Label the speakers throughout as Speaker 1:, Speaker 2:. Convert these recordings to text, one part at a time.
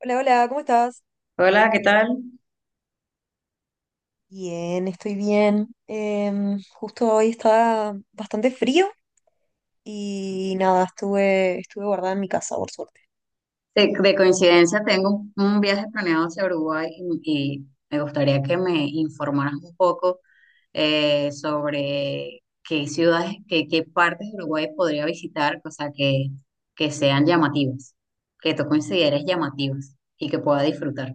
Speaker 1: Hola, hola, ¿cómo estás?
Speaker 2: Hola, ¿qué tal?
Speaker 1: Bien, estoy bien. Justo hoy está bastante frío y nada, estuve guardada en mi casa, por suerte.
Speaker 2: De coincidencia tengo un viaje planeado hacia Uruguay y me gustaría que me informaras un poco sobre qué ciudades, qué partes de Uruguay podría visitar, o sea, que sean llamativas, que tú consideres llamativas y que pueda disfrutar.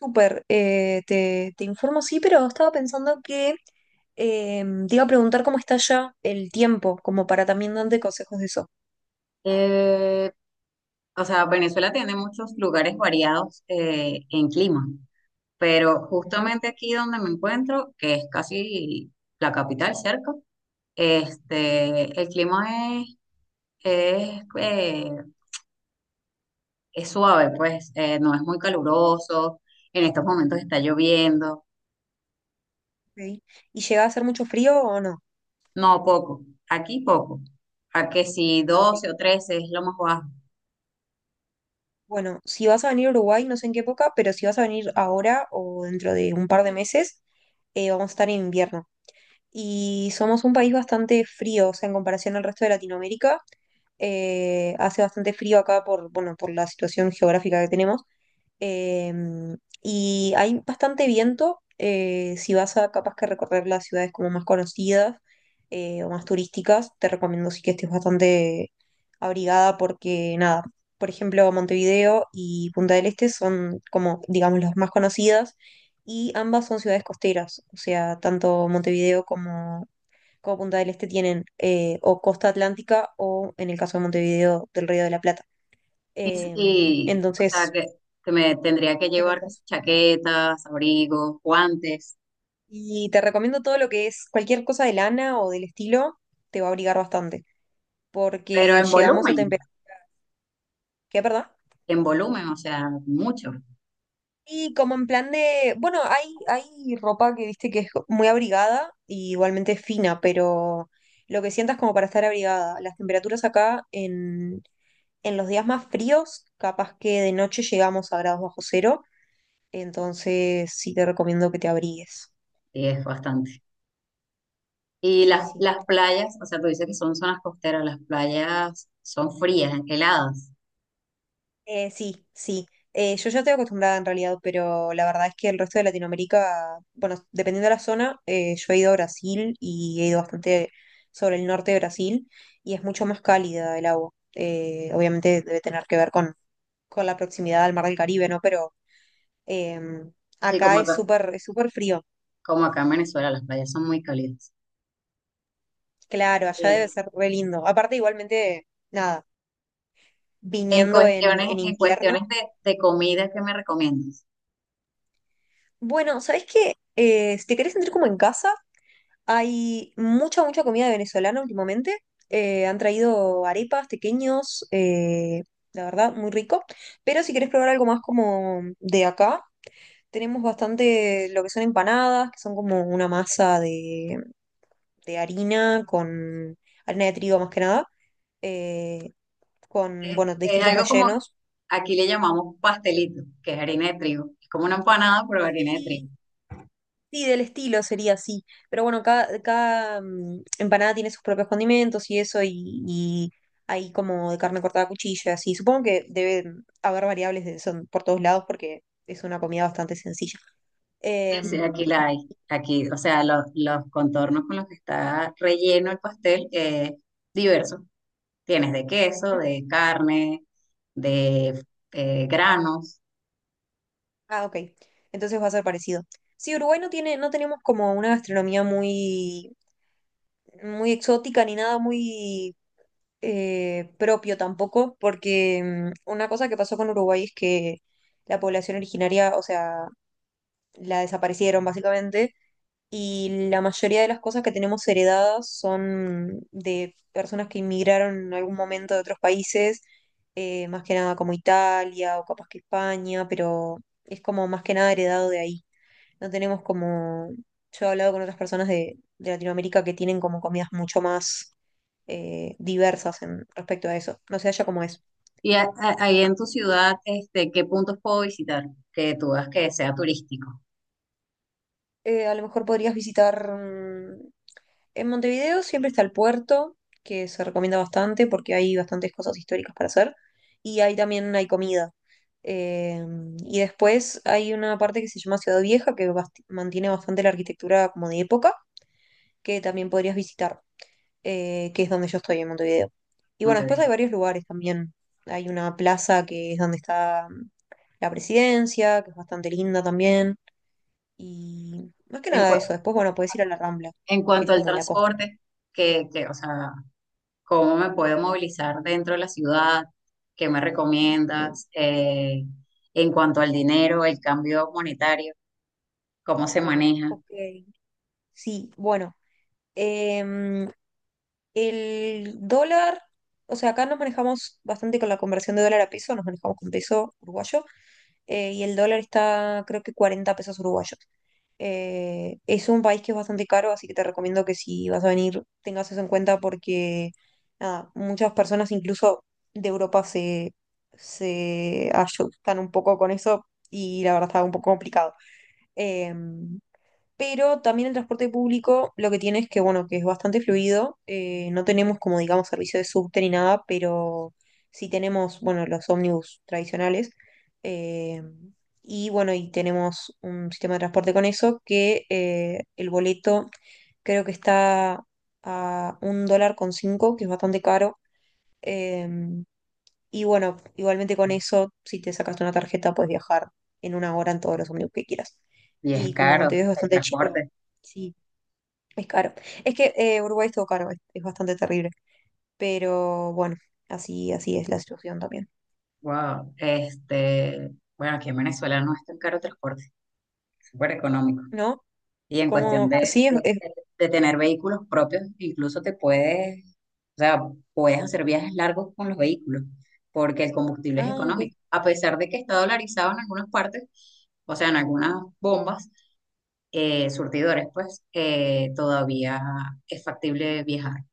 Speaker 1: Súper, te informo, sí, pero estaba pensando que te iba a preguntar cómo está ya el tiempo, como para también darte consejos de eso.
Speaker 2: Eh, o sea, Venezuela tiene muchos lugares variados en clima, pero
Speaker 1: Ujú,
Speaker 2: justamente aquí donde me encuentro, que es casi la capital cerca. Este, el clima es, eh, es suave, pues no es muy caluroso. En estos momentos está lloviendo.
Speaker 1: ok. ¿Y llega a hacer mucho frío o no?
Speaker 2: No, poco. Aquí poco. A que si
Speaker 1: Ah, ok.
Speaker 2: 12 o 13 es lo más bajo.
Speaker 1: Bueno, si vas a venir a Uruguay, no sé en qué época, pero si vas a venir ahora o dentro de un par de meses, vamos a estar en invierno. Y somos un país bastante frío, o sea, en comparación al resto de Latinoamérica. Hace bastante frío acá por, bueno, por la situación geográfica que tenemos. Y hay bastante viento. Si vas a capaz que recorrer las ciudades como más conocidas o más turísticas, te recomiendo sí que estés bastante abrigada porque nada, por ejemplo, Montevideo y Punta del Este son como, digamos, las más conocidas y ambas son ciudades costeras. O sea, tanto Montevideo como Punta del Este tienen o costa atlántica o, en el caso de Montevideo, del Río de la Plata. Em,
Speaker 2: O sea,
Speaker 1: entonces,
Speaker 2: que me tendría que
Speaker 1: es
Speaker 2: llevar que si
Speaker 1: ventajoso.
Speaker 2: chaquetas, abrigos, guantes,
Speaker 1: Y te recomiendo todo lo que es cualquier cosa de lana o del estilo, te va a abrigar bastante,
Speaker 2: pero
Speaker 1: porque llegamos a temperaturas. ¿Qué, perdón?
Speaker 2: en volumen, o sea, mucho.
Speaker 1: Y como en plan de, bueno, hay ropa que viste que es muy abrigada y igualmente es fina, pero lo que sientas como para estar abrigada. Las temperaturas acá en los días más fríos, capaz que de noche llegamos a grados bajo cero, entonces sí te recomiendo que te abrigues.
Speaker 2: Y es bastante. Y
Speaker 1: Sí, sí.
Speaker 2: las playas, o sea, tú dices que son zonas costeras, las playas son frías, heladas.
Speaker 1: Sí, sí. Yo ya estoy acostumbrada en realidad, pero la verdad es que el resto de Latinoamérica, bueno, dependiendo de la zona, yo he ido a Brasil y he ido bastante sobre el norte de Brasil y es mucho más cálida el agua. Obviamente debe tener que ver con la proximidad al Mar del Caribe, ¿no? Pero eh,
Speaker 2: Sí,
Speaker 1: acá es súper, frío.
Speaker 2: como acá en Venezuela, las playas son muy cálidas.
Speaker 1: Claro, allá debe
Speaker 2: Eh,
Speaker 1: ser re lindo. Aparte, igualmente, nada,
Speaker 2: en
Speaker 1: viniendo en,
Speaker 2: cuestiones,
Speaker 1: en
Speaker 2: en
Speaker 1: invierno.
Speaker 2: cuestiones de comida, ¿qué me recomiendas?
Speaker 1: Bueno, ¿sabes qué? Si te querés sentir como en casa, hay mucha, mucha comida venezolana últimamente. Han traído arepas pequeños, la verdad, muy rico. Pero si querés probar algo más como de acá, tenemos bastante lo que son empanadas, que son como una masa de harina con harina de trigo más que nada, eh, con, bueno,
Speaker 2: Es
Speaker 1: distintos
Speaker 2: algo como,
Speaker 1: rellenos.
Speaker 2: aquí le llamamos pastelito, que es harina de trigo. Es como una empanada, pero harina de trigo.
Speaker 1: Sí, sí, del estilo sería así. Pero bueno, cada empanada tiene sus propios condimentos y eso, y hay como de carne cortada a cuchillo, y así. Supongo que debe haber variables de, son por todos lados porque es una comida bastante sencilla.
Speaker 2: Sí, sí, aquí
Speaker 1: Em,
Speaker 2: la hay. Aquí, o sea, los contornos con los que está relleno el pastel es diverso. Tienes de queso, de carne, de granos.
Speaker 1: ah, ok. Entonces va a ser parecido. Sí, Uruguay no tenemos como una gastronomía muy, muy exótica ni nada muy propio tampoco, porque una cosa que pasó con Uruguay es que la población originaria, o sea, la desaparecieron básicamente y la mayoría de las cosas que tenemos heredadas son de personas que inmigraron en algún momento de otros países, más que nada como Italia o capaz que España, pero es como más que nada heredado de ahí. No tenemos como, yo he hablado con otras personas de Latinoamérica que tienen como comidas mucho más diversas respecto a eso. No sé, allá cómo es.
Speaker 2: Y ahí en tu ciudad, este, ¿qué puntos puedo visitar que tú veas que sea turístico?
Speaker 1: A lo mejor podrías visitar. En Montevideo siempre está el puerto, que se recomienda bastante porque hay bastantes cosas históricas para hacer. Y ahí también hay comida. Eh, y después hay una parte que se llama Ciudad Vieja, que mantiene bastante la arquitectura como de época, que también podrías visitar, que es donde yo estoy en Montevideo. Y bueno, después
Speaker 2: Monterrey.
Speaker 1: hay varios lugares también. Hay una plaza que es donde está la presidencia, que es bastante linda también. Y más que
Speaker 2: En,
Speaker 1: nada
Speaker 2: cu-
Speaker 1: eso. Después, bueno, podés ir a la Rambla,
Speaker 2: en
Speaker 1: que es
Speaker 2: cuanto al
Speaker 1: como la costa.
Speaker 2: transporte, o sea, ¿cómo me puedo movilizar dentro de la ciudad? ¿Qué me recomiendas? En cuanto al dinero, el cambio monetario, ¿cómo se maneja?
Speaker 1: Ok. Sí, bueno, em, el dólar, o sea, acá nos manejamos bastante con la conversión de dólar a peso, nos manejamos con peso uruguayo, y el dólar está creo que 40 pesos uruguayos. Es un país que es bastante caro, así que te recomiendo que si vas a venir tengas eso en cuenta porque nada, muchas personas incluso de Europa se asustan un poco con eso y la verdad está un poco complicado. Eh, pero también el transporte público lo que tiene es que, bueno, que es bastante fluido. No tenemos como, digamos, servicio de subte ni nada, pero sí tenemos, bueno, los ómnibus tradicionales. eh, y bueno, y tenemos un sistema de transporte con eso que el boleto creo que está a $1.05, que es bastante caro. eh, y bueno, igualmente con eso, si te sacaste una tarjeta, puedes viajar en una hora en todos los ómnibus que quieras.
Speaker 2: Y es
Speaker 1: Y como
Speaker 2: caro
Speaker 1: Montevideo es
Speaker 2: el
Speaker 1: bastante chico,
Speaker 2: transporte.
Speaker 1: sí, es caro. Es que Uruguay es todo caro, es bastante terrible. Pero bueno, así, así es la situación también.
Speaker 2: Wow, este, bueno, aquí en Venezuela no es tan caro el transporte, es súper económico.
Speaker 1: ¿No?
Speaker 2: Y en cuestión
Speaker 1: Como,
Speaker 2: de,
Speaker 1: sí,
Speaker 2: tener vehículos propios, incluso te puedes, o sea, puedes hacer viajes largos con los vehículos, porque el combustible es
Speaker 1: Ah, ok,
Speaker 2: económico. A pesar de que está dolarizado en algunas partes, o sea, en algunas bombas, surtidores, pues, todavía es factible viajar.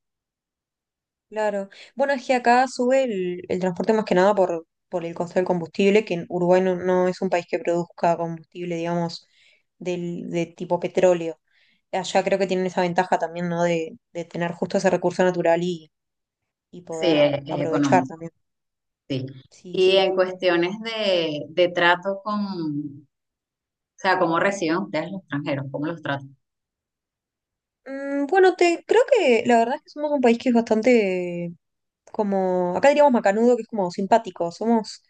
Speaker 1: claro. Bueno, es que acá sube el transporte más que nada por el costo del combustible, que en Uruguay no, no es un país que produzca combustible, digamos, de tipo petróleo. Allá creo que tienen esa ventaja también, ¿no? De tener justo ese recurso natural y
Speaker 2: Sí,
Speaker 1: poder
Speaker 2: es
Speaker 1: aprovechar
Speaker 2: económico,
Speaker 1: también.
Speaker 2: sí.
Speaker 1: Sí,
Speaker 2: Y
Speaker 1: sí.
Speaker 2: en cuestiones de trato con, o sea, ¿cómo reciben ustedes los extranjeros? ¿Cómo los tratan?
Speaker 1: Bueno, te creo que la verdad es que somos un país que es bastante como, acá diríamos macanudo, que es como simpático. Somos,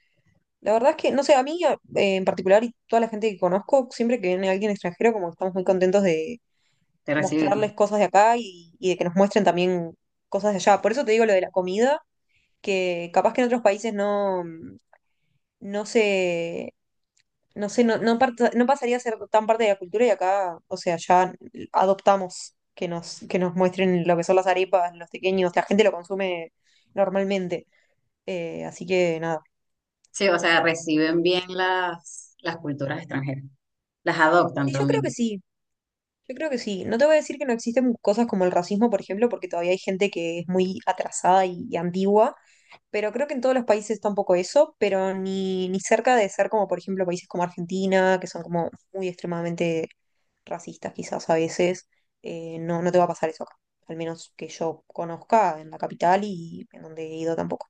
Speaker 1: la verdad es que, no sé, a mí en particular y toda la gente que conozco, siempre que viene alguien extranjero, como que estamos muy contentos de
Speaker 2: ¿Te reciben?
Speaker 1: mostrarles cosas de acá y de que nos muestren también cosas de allá. Por eso te digo lo de la comida, que capaz que en otros países no, no se, no sé, no pasaría a ser tan parte de la cultura y acá, o sea, ya adoptamos que nos muestren lo que son las arepas, los pequeños, la gente lo consume normalmente. Así que nada.
Speaker 2: Sí, o sea, reciben
Speaker 1: Eh,
Speaker 2: bien las culturas extranjeras. Las adoptan
Speaker 1: Sí, yo creo que
Speaker 2: también.
Speaker 1: sí. Yo creo que sí. No te voy a decir que no existen cosas como el racismo, por ejemplo, porque todavía hay gente que es muy atrasada y antigua, pero creo que en todos los países está un poco eso, pero ni cerca de ser como, por ejemplo, países como Argentina, que son como muy extremadamente racistas quizás a veces. No, no te va a pasar eso acá, al menos que yo conozca en la capital y en donde he ido tampoco.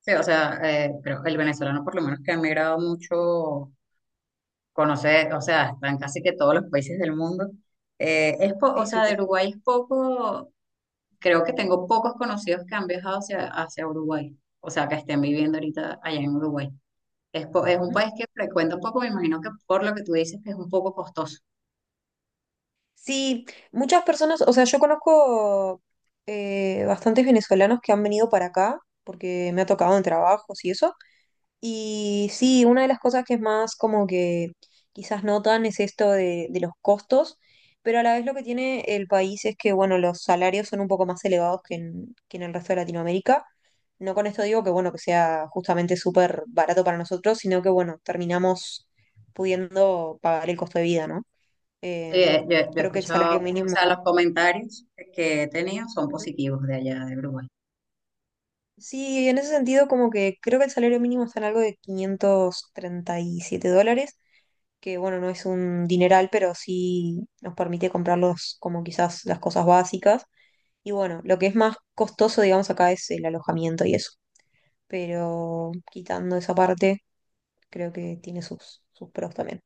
Speaker 2: Sí, o sea, pero el venezolano, por lo menos que ha emigrado mucho, conoce, o sea, están casi que todos los países del mundo. Es o
Speaker 1: Sí,
Speaker 2: sea, de
Speaker 1: súper.
Speaker 2: Uruguay es poco, creo que tengo pocos conocidos que han viajado hacia Uruguay. O sea, que estén viviendo ahorita allá en Uruguay. Es, es un país que frecuenta un poco, me imagino que por lo que tú dices, que es un poco costoso.
Speaker 1: Sí, muchas personas, o sea, yo conozco bastantes venezolanos que han venido para acá porque me ha tocado en trabajos y eso. Y sí, una de las cosas que es más como que quizás notan es esto de los costos, pero a la vez lo que tiene el país es que, bueno, los salarios son un poco más elevados que en el resto de Latinoamérica. No con esto digo que, bueno, que sea justamente súper barato para nosotros, sino que, bueno, terminamos pudiendo pagar el costo de vida, ¿no?
Speaker 2: Sí,
Speaker 1: Em,
Speaker 2: yo he
Speaker 1: Creo que el
Speaker 2: escuchado,
Speaker 1: salario
Speaker 2: o sea,
Speaker 1: mínimo,
Speaker 2: los comentarios que he tenido son
Speaker 1: Ujú.
Speaker 2: positivos de allá de Uruguay.
Speaker 1: Sí, en ese sentido como que creo que el salario mínimo está en algo de $537, que bueno, no es un dineral, pero sí nos permite comprarlos como quizás las cosas básicas. Y bueno, lo que es más costoso, digamos, acá es el alojamiento y eso. Pero quitando esa parte, creo que tiene sus pros también.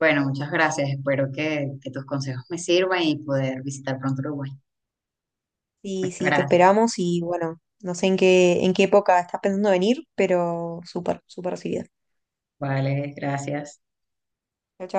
Speaker 2: Bueno, muchas gracias. Espero que tus consejos me sirvan y poder visitar pronto Uruguay.
Speaker 1: Sí,
Speaker 2: Muchas
Speaker 1: sí, te
Speaker 2: gracias.
Speaker 1: esperamos y bueno, no sé en qué época estás pensando venir, pero súper, súper recibida.
Speaker 2: Vale, gracias.
Speaker 1: Chau, chau.